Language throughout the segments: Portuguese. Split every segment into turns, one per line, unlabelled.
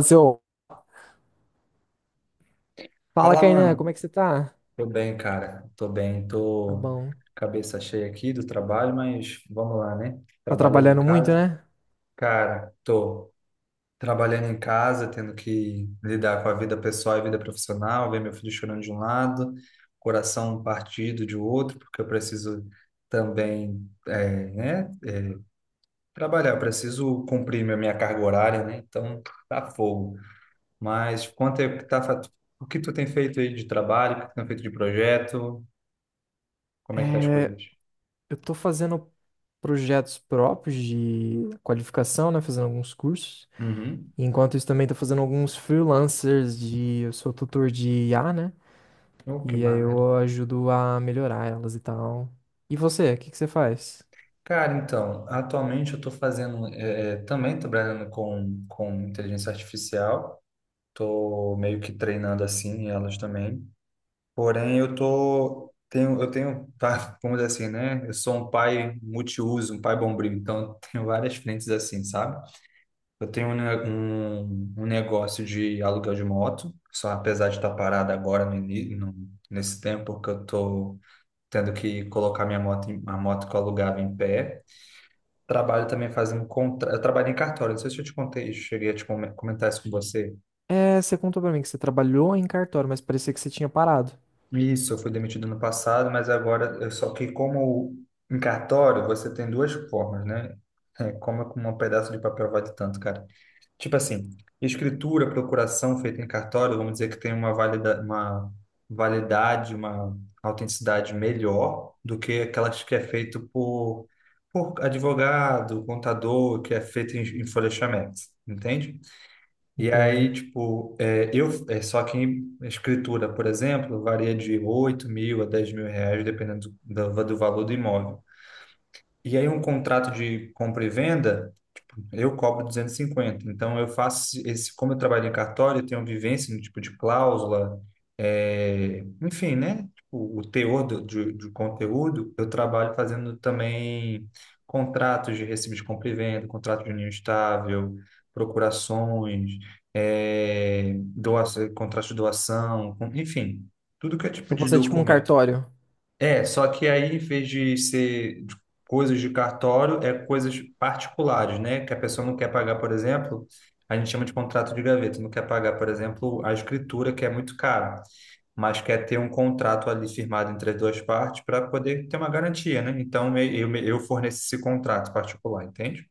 Seu, fala,
Fala,
Kainan,
mano.
como é que você tá?
Tô bem, cara. Tô bem.
Tá
Tô
bom.
cabeça cheia aqui do trabalho, mas vamos lá, né?
Tá
Trabalhando em
trabalhando muito,
casa.
né?
Cara, tô trabalhando em casa, tendo que lidar com a vida pessoal e vida profissional, ver meu filho chorando de um lado, coração partido de outro, porque eu preciso também, né? É, Trabalhar, eu preciso cumprir minha carga horária, né? Então, tá fogo. Mas quanto é que tá, o que tu tem feito aí de trabalho, o que tu tem feito de projeto? Como é que tá as
É,
coisas?
eu tô fazendo projetos próprios de qualificação, né? Fazendo alguns cursos.
Uhum.
E enquanto isso, também tô fazendo alguns freelancers Eu sou tutor de IA, né?
Oh, que
E aí
maneiro.
eu ajudo a melhorar elas e tal. E você, o que que você faz?
Cara, então, atualmente eu estou fazendo, também trabalhando com inteligência artificial, estou meio que treinando assim elas também, porém eu tô, tenho, eu tenho, tá, vamos dizer assim, né, eu sou um pai multiuso, um pai bombril, então eu tenho várias frentes assim, sabe? Eu tenho um negócio de aluguel de moto, só apesar de estar parado agora no, ini- no, nesse tempo que eu tô tendo que colocar minha moto, a moto que eu alugava em pé. Trabalho também fazendo. Eu trabalho em cartório, não sei se eu te contei, cheguei a te comentar isso com você.
É, você contou pra mim que você trabalhou em cartório, mas parecia que você tinha parado.
Isso, eu fui demitido no passado, mas agora, só que como em cartório, você tem duas formas, né? É, como com um pedaço de papel vale tanto, cara. Tipo assim, escritura, procuração feita em cartório, vamos dizer que tem uma validade, uma autenticidade melhor do que aquelas que é feito por advogado, contador, que é feito em folheamento, entende? E aí,
Entenda.
tipo, é, eu, é só que em escritura, por exemplo, varia de 8 mil a 10 mil reais, dependendo do valor do imóvel. E aí, um contrato de compra e venda. Eu cobro 250. Então, eu faço esse, como eu trabalho em cartório, eu tenho vivência no tipo de cláusula, enfim, né? Tipo, o teor de conteúdo, eu trabalho fazendo também contratos de recibo de compra e venda, contrato de união estável, procurações, doação, contrato de doação, enfim, tudo que é tipo
Então
de
você é tipo um
documento.
cartório.
Só que aí, em vez de ser de coisas de cartório, é coisas particulares, né? Que a pessoa não quer pagar, por exemplo, a gente chama de contrato de gaveta, não quer pagar, por exemplo, a escritura, que é muito caro, mas quer ter um contrato ali firmado entre as duas partes para poder ter uma garantia, né? Então, eu forneço esse contrato particular, entende?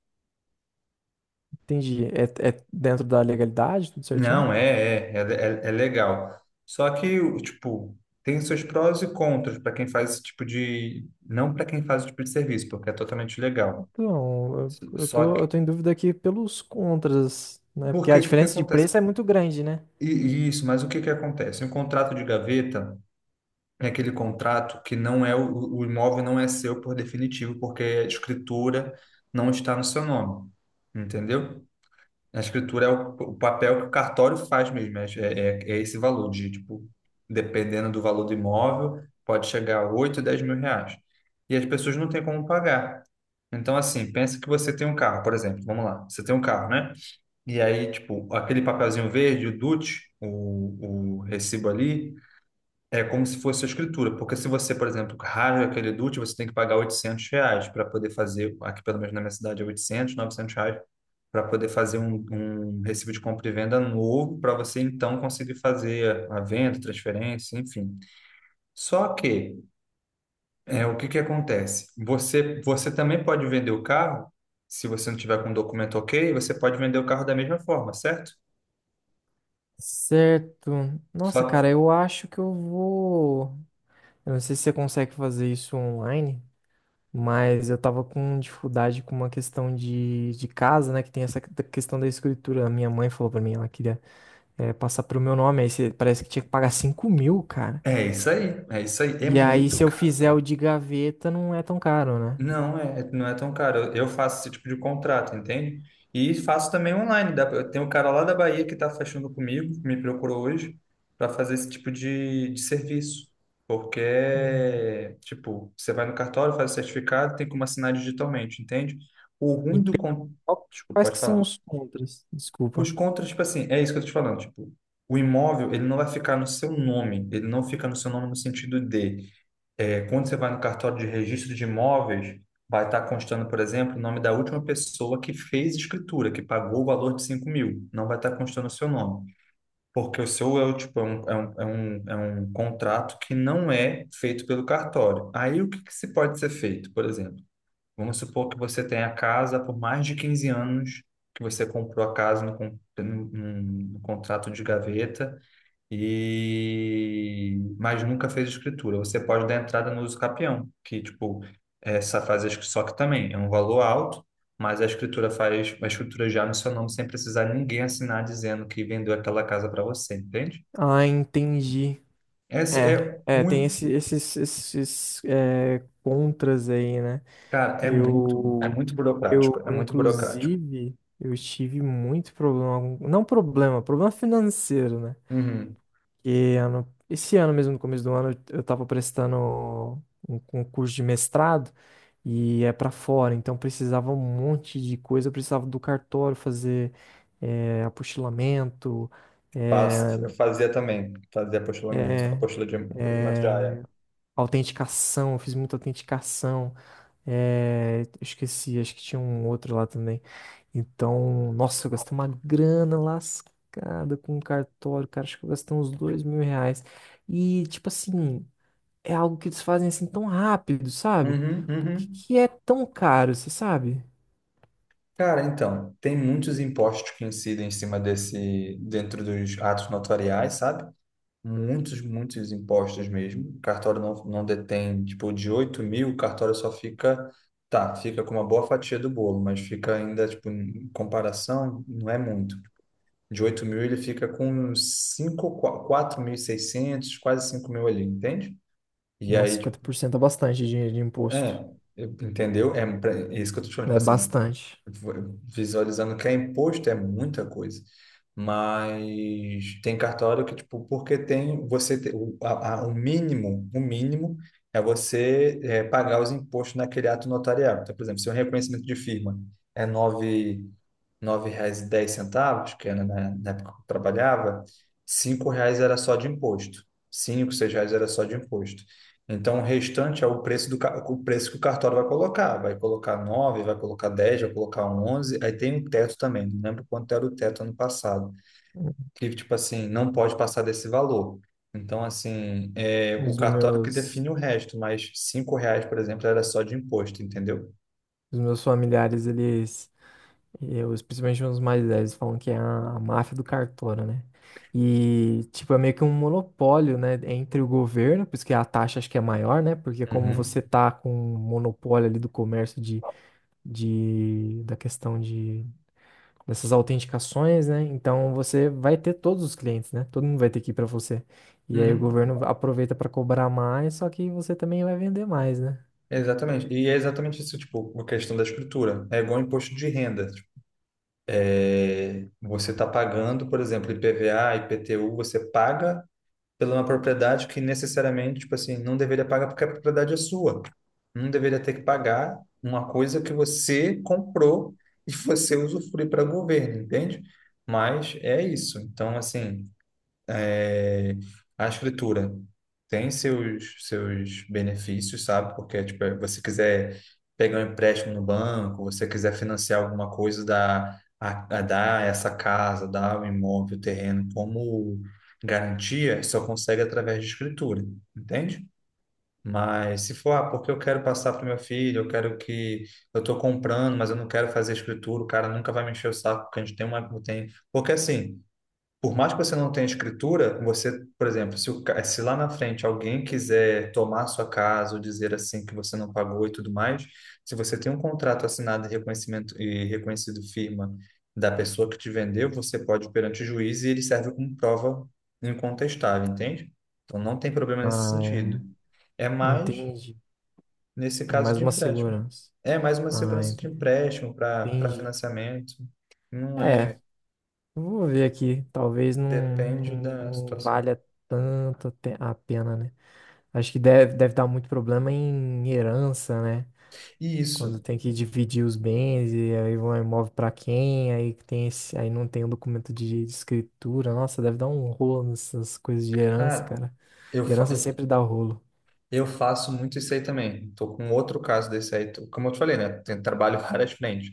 Entendi. É, é dentro da legalidade, tudo certinho?
Não, é legal. Só que, tipo, tem seus prós e contras para quem faz esse tipo de. Não para quem faz esse tipo de serviço, porque é totalmente legal.
Então, eu, eu
Só
tô, eu
que,
tô em dúvida aqui pelos contras, né? Porque
porque
a
o que que
diferença de
acontece?
preço é muito grande, né?
E isso, mas o que que acontece? Um contrato de gaveta é aquele contrato que não é o imóvel não é seu por definitivo, porque a escritura não está no seu nome, entendeu? A escritura é o papel que o cartório faz mesmo, é esse valor de, tipo, dependendo do valor do imóvel, pode chegar a 8, 10 mil reais. E as pessoas não têm como pagar. Então, assim, pensa que você tem um carro, por exemplo, vamos lá, você tem um carro, né? E aí, tipo, aquele papelzinho verde, o DUT, o recibo ali, é como se fosse a escritura. Porque se você, por exemplo, rasga aquele DUT, você tem que pagar 800 reais para poder fazer, aqui pelo menos na minha cidade é 800, R$ 900, para poder fazer um recibo de compra e venda novo, para você então conseguir fazer a venda, transferência, enfim. Só que, o que que acontece? Você também pode vender o carro, se você não tiver com o documento ok, você pode vender o carro da mesma forma, certo?
Certo.
Só,
Nossa, cara, eu acho que eu vou. Eu não sei se você consegue fazer isso online, mas eu tava com dificuldade com uma questão de casa, né? Que tem essa questão da escritura. A minha mãe falou pra mim, ela queria passar pro meu nome, parece que tinha que pagar 5.000, cara.
É isso aí, é isso aí. É
E aí,
muito
se eu
caro,
fizer o
velho.
de gaveta, não é tão caro, né?
Não é tão caro. Eu faço esse tipo de contrato, entende? E faço também online. Tem um cara lá da Bahia que está fechando comigo, me procurou hoje para fazer esse tipo de serviço. Porque,
Hum.
tipo, você vai no cartório, faz o certificado, tem como assinar digitalmente, entende? O ruim do... Con... Desculpa,
Quais que
pode
são
falar.
os contras?
Os
Desculpa.
contras, tipo assim, é isso que eu tô te falando, tipo, o imóvel, ele não vai ficar no seu nome, ele não fica no seu nome no sentido de quando você vai no cartório de registro de imóveis, vai estar constando, por exemplo, o nome da última pessoa que fez escritura, que pagou o valor de 5 mil. Não vai estar constando o seu nome. Porque o seu é um contrato que não é feito pelo cartório. Aí o que se pode ser feito, por exemplo? Vamos supor que você tenha a casa por mais de 15 anos, que você comprou a casa no contrato de gaveta, e mas nunca fez escritura. Você pode dar entrada no uso capião, que tipo essa faz a escri- só que também é um valor alto, mas a escritura faz a escritura já no seu nome sem precisar ninguém assinar dizendo que vendeu aquela casa para você, entende?
Ah, entendi.
Essa
É,
é
é, tem
um,
esses, contras aí, né?
Cara, é
Eu,
muito
eu,
burocrático, é muito burocrático.
inclusive, eu tive muito problema, não problema, problema financeiro, né?
Uhum.
Que ano, esse ano mesmo, no começo do ano, eu estava prestando um concurso de mestrado e é para fora, então precisava um monte de coisa, eu precisava do cartório fazer apostilamento, eh,
Eu fazia também, fazia apostilamento, apostila de apostilamento de aia.
autenticação, eu fiz muita autenticação, eu esqueci, acho que tinha um outro lá também. Então, nossa, eu gastei uma grana lascada com o cartório, cara, acho que eu gastei uns 2.000 reais. E, tipo assim, é algo que eles fazem assim tão rápido, sabe?
Uhum,
Por que
uhum.
que é tão caro, você sabe?
Cara, então, tem muitos impostos que incidem em cima desse, dentro dos atos notariais, sabe? Muitos, muitos impostos mesmo. O cartório não detém, tipo, de 8 mil, o cartório fica com uma boa fatia do bolo, mas fica ainda, tipo, em comparação, não é muito. De 8 mil ele fica com cinco, uns 5, seiscentos, quase 5 mil ali, entende? E
Nossa,
aí, tipo,
50% é bastante dinheiro de imposto.
é, entendeu? É isso que eu tô te falando, tipo
É
assim,
bastante.
visualizando que é imposto é muita coisa. Mas tem cartório que, tipo, porque tem você te- o, a- o mínimo é você pagar os impostos naquele ato notarial. Então, por exemplo, se o reconhecimento de firma é nove reais e dez centavos que era na época que eu trabalhava, 5 reais era só de imposto. Cinco 6 reais era só de imposto. Então, o restante é o preço o preço que o cartório vai colocar. Vai colocar nove, vai colocar dez, vai colocar onze. Aí tem um teto também. Não lembro quanto era o teto ano passado. Que, tipo assim, não pode passar desse valor. Então, assim, é o
Os
cartório que
meus,
define o resto, mas 5 reais, por exemplo, era só de imposto, entendeu?
os meus familiares, eles, eu, principalmente os mais velhos, falam que é a máfia do cartório, né? E, tipo, é meio que um monopólio, né, entre o governo, por isso que a taxa acho que é maior, né? Porque como você
Uhum.
tá com um monopólio ali do comércio da questão de dessas autenticações, né? Então você vai ter todos os clientes, né? Todo mundo vai ter que ir para você. E aí o
Uhum.
governo aproveita para cobrar mais, só que você também vai vender mais, né?
Exatamente. E é exatamente isso, tipo, a questão da escritura. É igual imposto de renda. Tipo, você está pagando, por exemplo, IPVA, IPTU, você paga pela uma propriedade que necessariamente, tipo assim, não deveria pagar porque a propriedade é sua. Não deveria ter que pagar uma coisa que você comprou e você usufrui para governo, entende? Mas é isso. Então, assim, é, a escritura tem seus benefícios, sabe? Porque, tipo, você quiser pegar um empréstimo no banco, você quiser financiar alguma coisa, dá essa casa, dá o imóvel, o terreno como garantia, só consegue através de escritura, entende? Mas se for, ah, porque eu quero passar para o meu filho, eu quero que eu estou comprando, mas eu não quero fazer escritura, o cara nunca vai me encher o saco, porque a gente tem tem, porque assim, por mais que você não tenha escritura, você, por exemplo, se, o ca- se lá na frente alguém quiser tomar sua casa ou dizer assim que você não pagou e tudo mais, se você tem um contrato assinado e reconhecimento e reconhecido firma da pessoa que te vendeu, você pode ir perante o juiz e ele serve como prova incontestável, entende? Então não tem problema nesse
Ah,
sentido.
é.
É mais
Entendi.
nesse
É
caso
mais
de
uma
empréstimo.
segurança.
É mais uma
Ah,
segurança de
entendi.
empréstimo para
Entendi.
financiamento. Não
É,
é,
eu vou ver aqui. Talvez não,
depende
não,
da
não
situação.
valha a pena, né? Acho que deve dar muito problema em herança, né? Quando
Isso.
tem que dividir os bens e aí vão imóvel pra quem, aí que tem esse, aí não tem o documento de escritura. Nossa, deve dar um rolo nessas coisas de herança,
Cara,
cara.
eu, fa-
Herança sempre dá rolo.
eu faço muito isso aí também. Tô com outro caso desse aí. Como eu te falei, né? Trabalho várias frentes.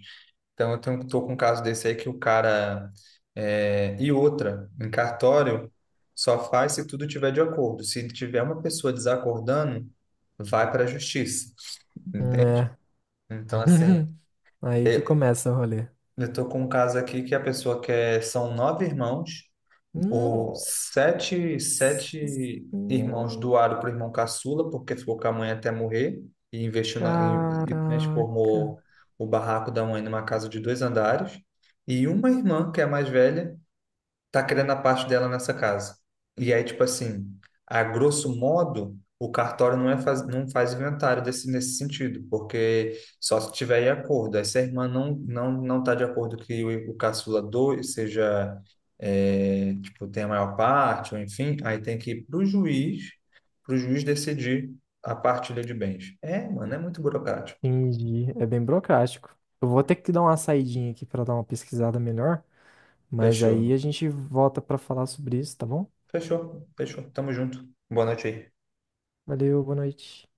Então, tô com um caso desse aí que o cara... E outra, em cartório, só faz se tudo tiver de acordo. Se tiver uma pessoa desacordando, vai para a justiça. Entende?
É.
Então, assim,
Aí que
eu,
começa o rolê.
eu tô com um caso aqui que a pessoa quer... São nove irmãos. O
Nossa,
sete, sete irmãos
senhora.
doaram para o irmão caçula, porque ficou com a mãe até morrer, e investiu e
Caraca.
transformou o barraco da mãe numa casa de dois andares. E uma irmã, que é a mais velha, tá querendo a parte dela nessa casa. E aí, tipo assim, a grosso modo, o cartório não faz inventário nesse sentido, porque só se tiver em acordo. Aí, se a irmã não tá de acordo que o caçula doe, seja, tipo, tenha a maior parte, ou enfim, aí tem que ir pro juiz decidir a partilha de bens. É, mano, é muito burocrático.
Entendi. É bem burocrático. Eu vou ter que dar uma saidinha aqui pra dar uma pesquisada melhor, mas aí a
Fechou.
gente volta pra falar sobre isso, tá bom?
Fechou, fechou. Tamo junto. Boa noite aí.
Valeu, boa noite.